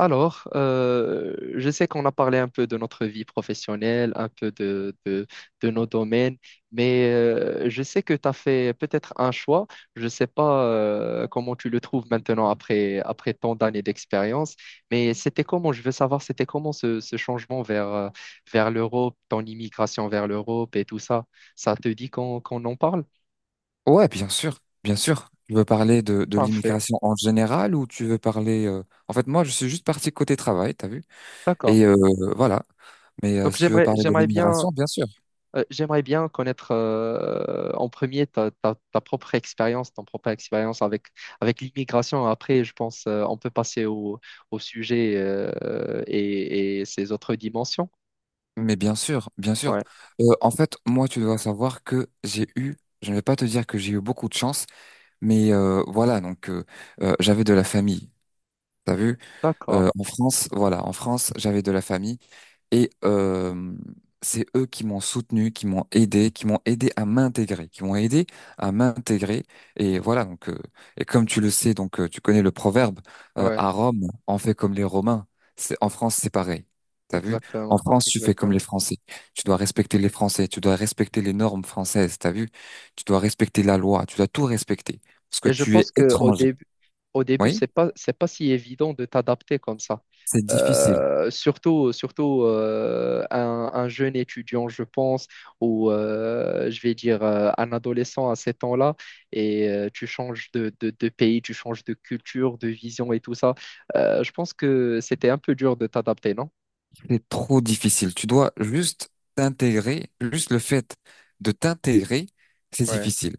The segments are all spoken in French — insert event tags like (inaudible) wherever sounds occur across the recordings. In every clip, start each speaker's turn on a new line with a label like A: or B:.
A: Alors, je sais qu'on a parlé un peu de notre vie professionnelle, un peu de nos domaines, mais je sais que tu as fait peut-être un choix. Je ne sais pas comment tu le trouves maintenant après tant d'années d'expérience, mais c'était comment, je veux savoir, c'était comment ce changement vers l'Europe, ton immigration vers l'Europe et tout ça. Ça te dit qu'on en parle?
B: Ouais, bien sûr, bien sûr. Tu veux parler de
A: Parfait.
B: l'immigration en général ou tu veux parler... En fait, moi, je suis juste parti côté travail, t'as vu?
A: D'accord.
B: Et euh, voilà. Mais
A: Donc,
B: si tu veux parler de
A: j'aimerais bien.
B: l'immigration, bien sûr.
A: J'aimerais bien connaître en premier ta propre expérience, ton propre expérience avec l'immigration. Après, je pense on peut passer au sujet et ses autres dimensions.
B: Mais bien sûr, bien sûr.
A: Ouais,
B: En fait, moi, tu dois savoir que j'ai eu, je ne vais pas te dire que j'ai eu beaucoup de chance, mais voilà, donc j'avais de la famille. T'as vu?
A: d'accord.
B: En France, voilà, en France, j'avais de la famille. Et euh, c'est eux qui m'ont soutenu, qui m'ont aidé, qui m'ont aidé à m'intégrer. Et voilà, comme tu le sais, donc tu connais le proverbe,
A: Ouais,
B: à Rome, on fait comme les Romains. C'est, en France, c'est pareil. T'as vu? En
A: exactement,
B: France, tu fais comme les
A: exactement.
B: Français. Tu dois respecter les Français, tu dois respecter les normes françaises, t'as vu? Tu dois respecter la loi, tu dois tout respecter. Parce que
A: Et je
B: tu
A: pense
B: es
A: qu'au
B: étranger.
A: au début,
B: Oui?
A: c'est pas si évident de t'adapter comme ça.
B: C'est difficile.
A: Surtout un jeune étudiant, je pense, ou je vais dire un adolescent à ces temps-là, et tu changes de pays, tu changes de culture, de vision et tout ça. Je pense que c'était un peu dur de t'adapter, non?
B: C'est trop difficile. Tu dois juste t'intégrer, juste le fait de t'intégrer, c'est
A: Ouais,
B: difficile.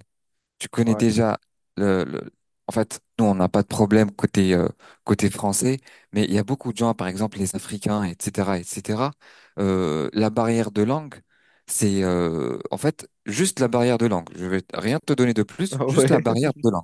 B: Tu connais
A: ouais,
B: déjà le, le- en fait, nous, on n'a pas de problème côté côté français, mais il y a beaucoup de gens, par exemple les Africains, etc., etc. La barrière de langue, c'est en fait juste la barrière de langue. Je vais rien te donner de plus,
A: (laughs)
B: juste la
A: ouais,
B: barrière de langue.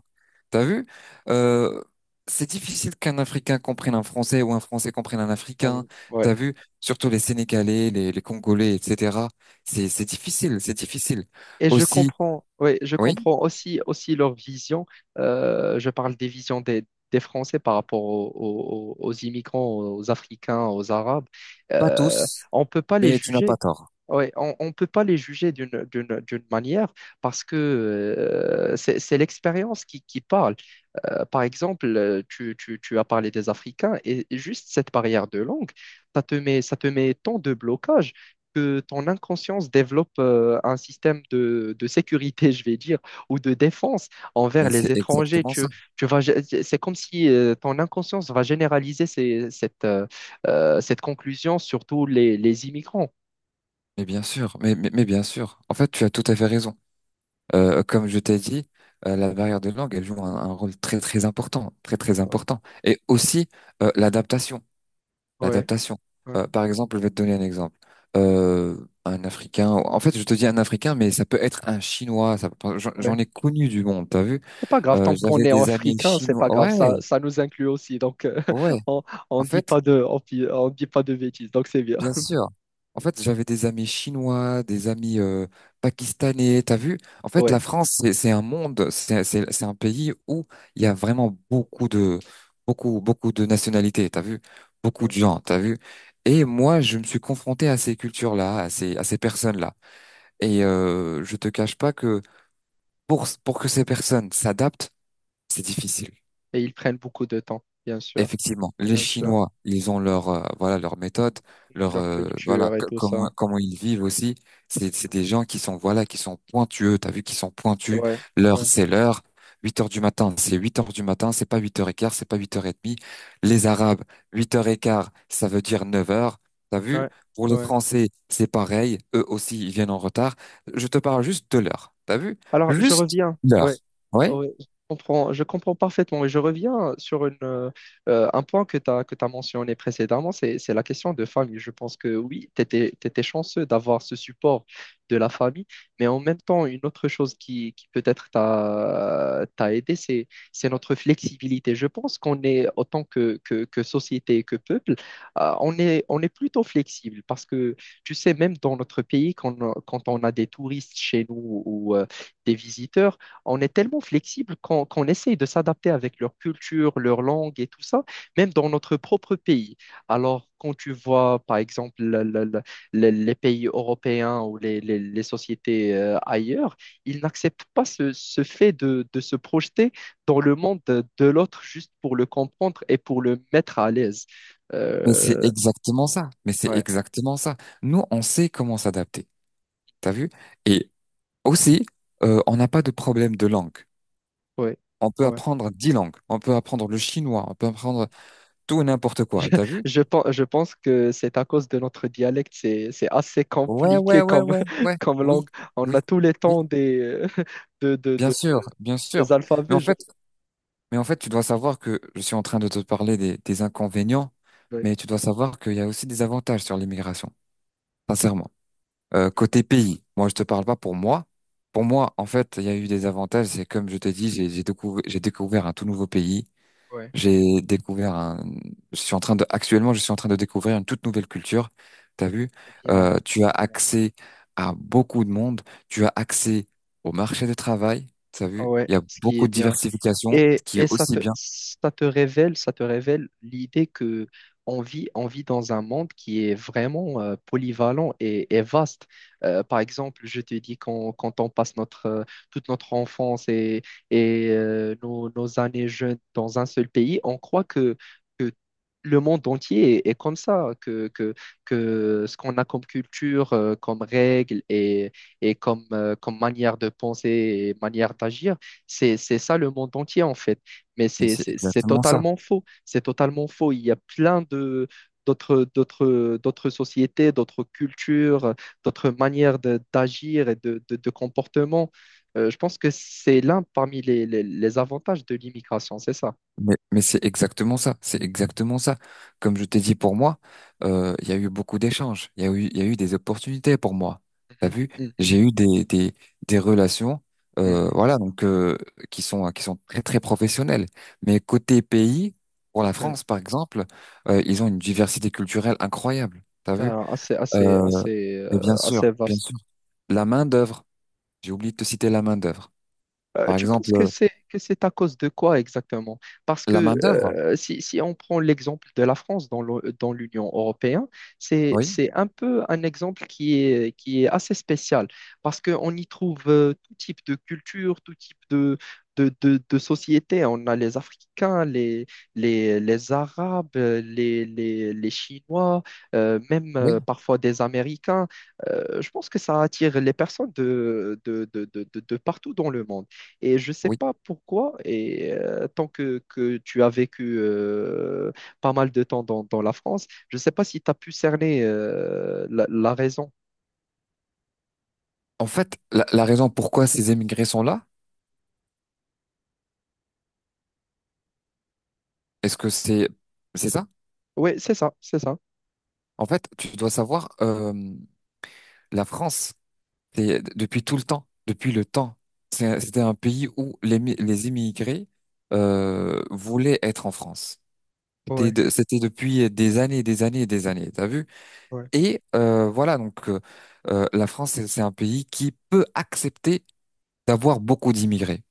B: T'as vu? Euh, c'est difficile qu'un Africain comprenne un Français ou un Français comprenne un Africain.
A: ouais.
B: T'as vu? Surtout les Sénégalais, les Congolais, etc. C'est difficile, c'est difficile.
A: Et je
B: Aussi,
A: comprends, oui, je
B: oui,
A: comprends aussi, aussi leur vision. Je parle des visions des Français par rapport aux immigrants, aux Africains, aux Arabes.
B: pas
A: Euh,
B: tous.
A: on ne peut pas les
B: Mais tu n'as pas
A: juger.
B: tort.
A: Ouais, on ne peut pas les juger d'une manière parce que c'est l'expérience qui parle. Par exemple, tu as parlé des Africains et juste cette barrière de langue, ça te met tant de blocages que ton inconscience développe un système de sécurité, (laughs) je vais dire, ou de défense envers
B: Mais c'est
A: les étrangers.
B: exactement ça.
A: C'est comme si ton inconscience va généraliser cette conclusion sur tous les immigrants.
B: Mais bien sûr, mais bien sûr. En fait, tu as tout à fait raison. Comme je t'ai dit, la barrière de langue, elle joue un rôle très très important, très très
A: Ouais,
B: important. Et aussi euh, l'adaptation,
A: ouais,
B: l'adaptation. Par exemple, je vais te donner un exemple. Un Africain. En fait, je te dis un Africain, mais ça peut être un Chinois. Ça peut- J'en
A: ouais.
B: j'en ai connu du monde. T'as vu?
A: C'est pas grave, tant qu'on
B: J'avais
A: est en
B: des amis
A: africain, c'est
B: chinois.
A: pas grave,
B: Ouais,
A: ça nous inclut aussi. Donc,
B: ouais.
A: (laughs) on, on
B: En
A: dit
B: fait,
A: pas on dit pas de bêtises, donc c'est bien.
B: Bien
A: (laughs)
B: sûr. En fait, j'avais des amis chinois, des amis pakistanais. T'as vu? En fait, la
A: Ouais.
B: France, c'est un monde, c'est un pays où il y a vraiment beaucoup de nationalités. T'as vu? Beaucoup de
A: Ouais.
B: gens. T'as vu? Et moi, je me suis confronté à ces cultures-là, à ces personnes-là. Et je te cache pas que pour que ces personnes s'adaptent, c'est difficile.
A: Et ils prennent beaucoup de temps,
B: Effectivement, les
A: bien sûr.
B: Chinois, ils ont leur voilà leur méthode, leur
A: Leur
B: voilà
A: culture et tout ça.
B: comment ils vivent aussi. C'est des gens qui sont voilà qui sont pointueux. T'as vu qu'ils sont pointus.
A: Ouais,
B: L'heure
A: ouais,
B: c'est l'heure. Huit heures du matin, c'est 8 heures du matin. C'est pas 8 heures et quart, c'est pas 8 heures et demie. Les Arabes, 8 heures et quart, ça veut dire 9 heures. T'as vu?
A: ouais,
B: Pour les
A: ouais.
B: Français, c'est pareil. Eux aussi, ils viennent en retard. Je te parle juste de l'heure. T'as vu?
A: Alors, je
B: Juste
A: reviens.
B: l'heure.
A: Ouais,
B: Ouais.
A: ouais, je comprends parfaitement. Et je reviens sur un point que tu as, que tu mentionné précédemment, c'est la question de famille. Je pense que oui, tu étais, chanceux d'avoir ce support de la famille, mais en même temps, une autre chose qui peut-être t'a aidé, c'est notre flexibilité. Je pense qu'on est, autant que société et que peuple, on est plutôt flexible parce que, tu sais, même dans notre pays, quand on a des touristes chez nous ou des visiteurs, on est tellement flexible qu'on essaye de s'adapter avec leur culture, leur langue et tout ça, même dans notre propre pays. Alors, quand tu vois, par exemple, les pays européens ou les sociétés ailleurs, ils n'acceptent pas ce fait de se projeter dans le monde de l'autre juste pour le comprendre et pour le mettre à l'aise.
B: Mais c'est
A: Euh,
B: exactement ça. Mais c'est
A: ouais,
B: exactement ça. Nous, on sait comment s'adapter. T'as vu? Et aussi, on n'a pas de problème de langue.
A: ouais,
B: On peut
A: ouais.
B: apprendre 10 langues. On peut apprendre le chinois. On peut apprendre tout et n'importe quoi. T'as vu?
A: Je pense que c'est à cause de notre dialecte, c'est assez
B: Ouais, ouais,
A: compliqué
B: ouais,
A: comme,
B: ouais, ouais.
A: (laughs) comme
B: Oui,
A: langue. On a
B: oui,
A: tous les
B: oui.
A: temps des, (laughs) euh, de, de,
B: Bien
A: de-
B: sûr, bien
A: des
B: sûr. Mais
A: alphabets.
B: en
A: Je...
B: fait, mais en fait, tu dois savoir que je suis en train de te parler des inconvénients,
A: Oui,
B: mais tu dois savoir qu'il y a aussi des avantages sur l'immigration. Sincèrement.
A: oui,
B: Côté pays, moi je te parle pas pour moi. Pour moi, en fait, il y a eu des avantages. C'est comme je te dis, j'ai découvert, j'ai découvert un tout nouveau pays.
A: ouais.
B: J'ai découvert un. Je suis en train de. Actuellement, je suis en train de découvrir une toute nouvelle culture. T'as vu?
A: C'est bien,
B: Tu as
A: c'est bien.
B: accès à beaucoup de monde. Tu as accès au marché du travail. T'as
A: Ah
B: vu?
A: Ouais,
B: Il y a
A: ce qui est
B: beaucoup de
A: bien.
B: diversification, ce qui est
A: Et ça
B: aussi bien.
A: ça te révèle l'idée que on vit dans un monde qui est vraiment polyvalent et vaste. Par exemple, je te dis quand on passe notre, toute notre enfance et nos années jeunes dans un seul pays, on croit que le monde entier est, est comme ça, que ce qu'on a comme culture, comme règles et comme, comme manière de penser et manière d'agir c'est ça le monde entier en fait. Mais
B: Mais c'est
A: c'est
B: exactement ça.
A: totalement faux. C'est totalement faux. Il y a plein de d'autres sociétés, d'autres cultures, d'autres manières d'agir et de comportement. Je pense que c'est l'un parmi les avantages de l'immigration, c'est ça.
B: C'est exactement ça, c'est exactement ça. Comme je t'ai dit pour moi, il y a eu beaucoup d'échanges, il y a eu des opportunités pour moi. T'as
A: Mhm,
B: vu?
A: mhm,
B: J'ai eu des relations, euh,
A: mhm.
B: voilà, donc euh, qui sont très très professionnelles. Mais côté pays, pour la
A: Ouais.
B: France par exemple, ils ont une diversité culturelle incroyable. T'as vu? Euh,
A: Assez
B: et
A: assez
B: bien
A: vaste.
B: sûr, la main-d'œuvre. J'ai oublié de te citer la main-d'œuvre. Par
A: Tu
B: exemple,
A: penses que c'est à cause de quoi exactement? Parce
B: la
A: que
B: main-d'œuvre.
A: si on prend l'exemple de la France dans l'Union européenne, c'est
B: Oui,
A: un exemple qui est assez spécial parce qu'on y trouve tout type de culture, tout type de société. On a les Africains, les Arabes, les Chinois, même
B: oui,
A: parfois des Américains. Je pense que ça attire les personnes de partout dans le monde. Et je ne sais
B: oui.
A: pas pourquoi, et tant que tu as vécu pas mal de temps dans la France, je ne sais pas si tu as pu cerner la raison.
B: En fait, la raison pourquoi ces émigrés sont là, est-ce que c'est ça?
A: Oui, c'est ça.
B: En fait, tu dois savoir, la France, c'est- depuis tout le temps, depuis le temps, c'est- c'était un pays où les immigrés voulaient être en France. C'était
A: Ouais,
B: de- c'était depuis des années, des années, des années. T'as vu?
A: ouais.
B: Et la France, c'est un pays qui peut accepter d'avoir beaucoup d'immigrés.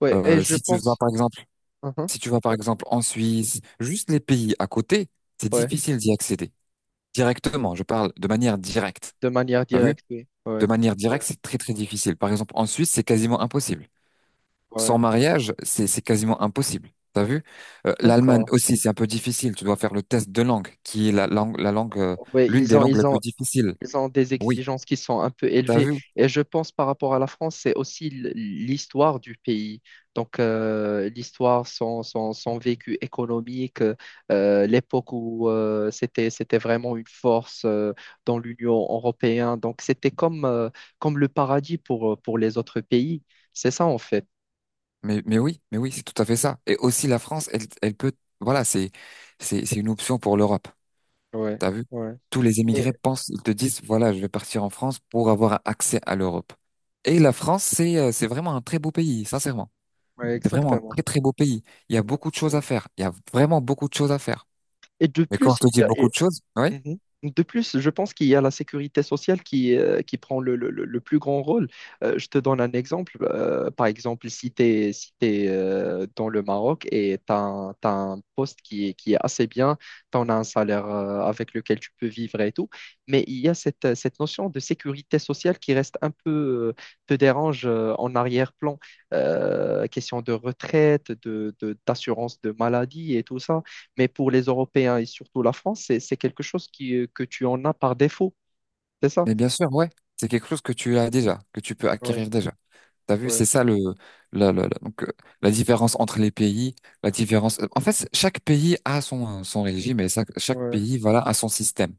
A: Ouais, et je
B: Si tu vas,
A: pense.
B: par exemple
A: Mhm.
B: Si tu vas par exemple en Suisse, juste les pays à côté, c'est
A: Ouais,
B: difficile d'y accéder directement. Je parle de manière directe.
A: de manière
B: T'as vu?
A: directe, oui.
B: De
A: Ouais,
B: manière
A: ouais,
B: directe, c'est très très difficile. Par exemple, en Suisse, c'est quasiment impossible. Sans
A: ouais.
B: mariage, c'est quasiment impossible. T'as vu? l'Allemagne
A: D'accord.
B: aussi, c'est un peu difficile. Tu dois faire le test de langue, qui est la langue, l'une des langues
A: Ils
B: les
A: ont
B: plus difficiles.
A: Ils ont des
B: Oui,
A: exigences qui sont un peu
B: t'as
A: élevées.
B: vu?
A: Et je pense par rapport à la France, c'est aussi l- l'histoire du pays. Donc, l'histoire, son vécu économique, l'époque où c'était vraiment une force dans l'Union européenne. Donc, c'était comme, comme le paradis pour les autres pays. C'est ça, en fait.
B: Mais oui, c'est tout à fait ça. Et aussi la France, elle, elle peut, voilà, c'est, c'est une option pour l'Europe.
A: Ouais,
B: T'as vu?
A: ouais.
B: Tous les émigrés
A: Mais-
B: pensent, ils te disent, voilà, je vais partir en France pour avoir accès à l'Europe. Et la France, c'est vraiment un très beau pays, sincèrement.
A: ouais,
B: C'est vraiment un
A: exactement.
B: très, très beau pays. Il y a beaucoup de choses à
A: Exactement.
B: faire. Il y a vraiment beaucoup de choses à faire.
A: Et de
B: Mais quand
A: plus,
B: je
A: il
B: te
A: y
B: dis
A: a,
B: beaucoup de choses, oui,
A: Mhm. De plus, je pense qu'il y a la sécurité sociale qui prend le plus grand rôle. Je te donne un exemple. Par exemple, si tu es, si t'es, dans le Maroc et tu as, un t'as un poste qui est assez bien, tu en as un salaire avec lequel tu peux vivre et tout, mais il y a cette notion de sécurité sociale qui reste un peu, euh, te dérange en arrière-plan. Question de retraite, d'assurance de maladie et tout ça. Mais pour les Européens et surtout la France, c'est quelque chose qui, que tu en as par défaut, c'est ça?
B: mais bien sûr, ouais, c'est quelque chose que tu as déjà, que tu peux
A: Ouais,
B: acquérir déjà. T'as vu,
A: ouais,
B: c'est ça le, la- donc, la différence entre les pays, la différence. En fait, chaque pays a son, son régime et ça- chaque
A: ouais,
B: pays, voilà, a son système.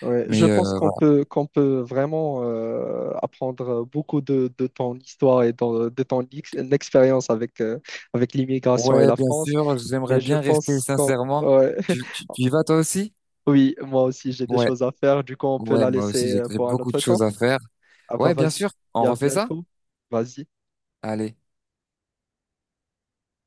A: ouais. Je
B: Mais
A: pense
B: voilà.
A: qu'on peut vraiment apprendre beaucoup de ton histoire et de ton expérience avec, avec l'immigration et
B: Ouais,
A: la
B: bien
A: France.
B: sûr,
A: Mais
B: j'aimerais
A: je
B: bien rester
A: pense qu'on...
B: sincèrement.
A: ouais.
B: Tu,
A: (laughs)
B: tu, tu y vas toi aussi?
A: Oui, moi aussi, j'ai des
B: Ouais,
A: choses à faire. Du coup, on peut
B: ouais,
A: la
B: moi aussi,
A: laisser
B: j'ai j'ai
A: pour un
B: beaucoup de
A: autre temps.
B: choses à faire.
A: Ah bah
B: Ouais, bien
A: vas-y,
B: sûr,
A: et
B: on
A: à
B: refait ça?
A: bientôt. Vas-y.
B: Allez.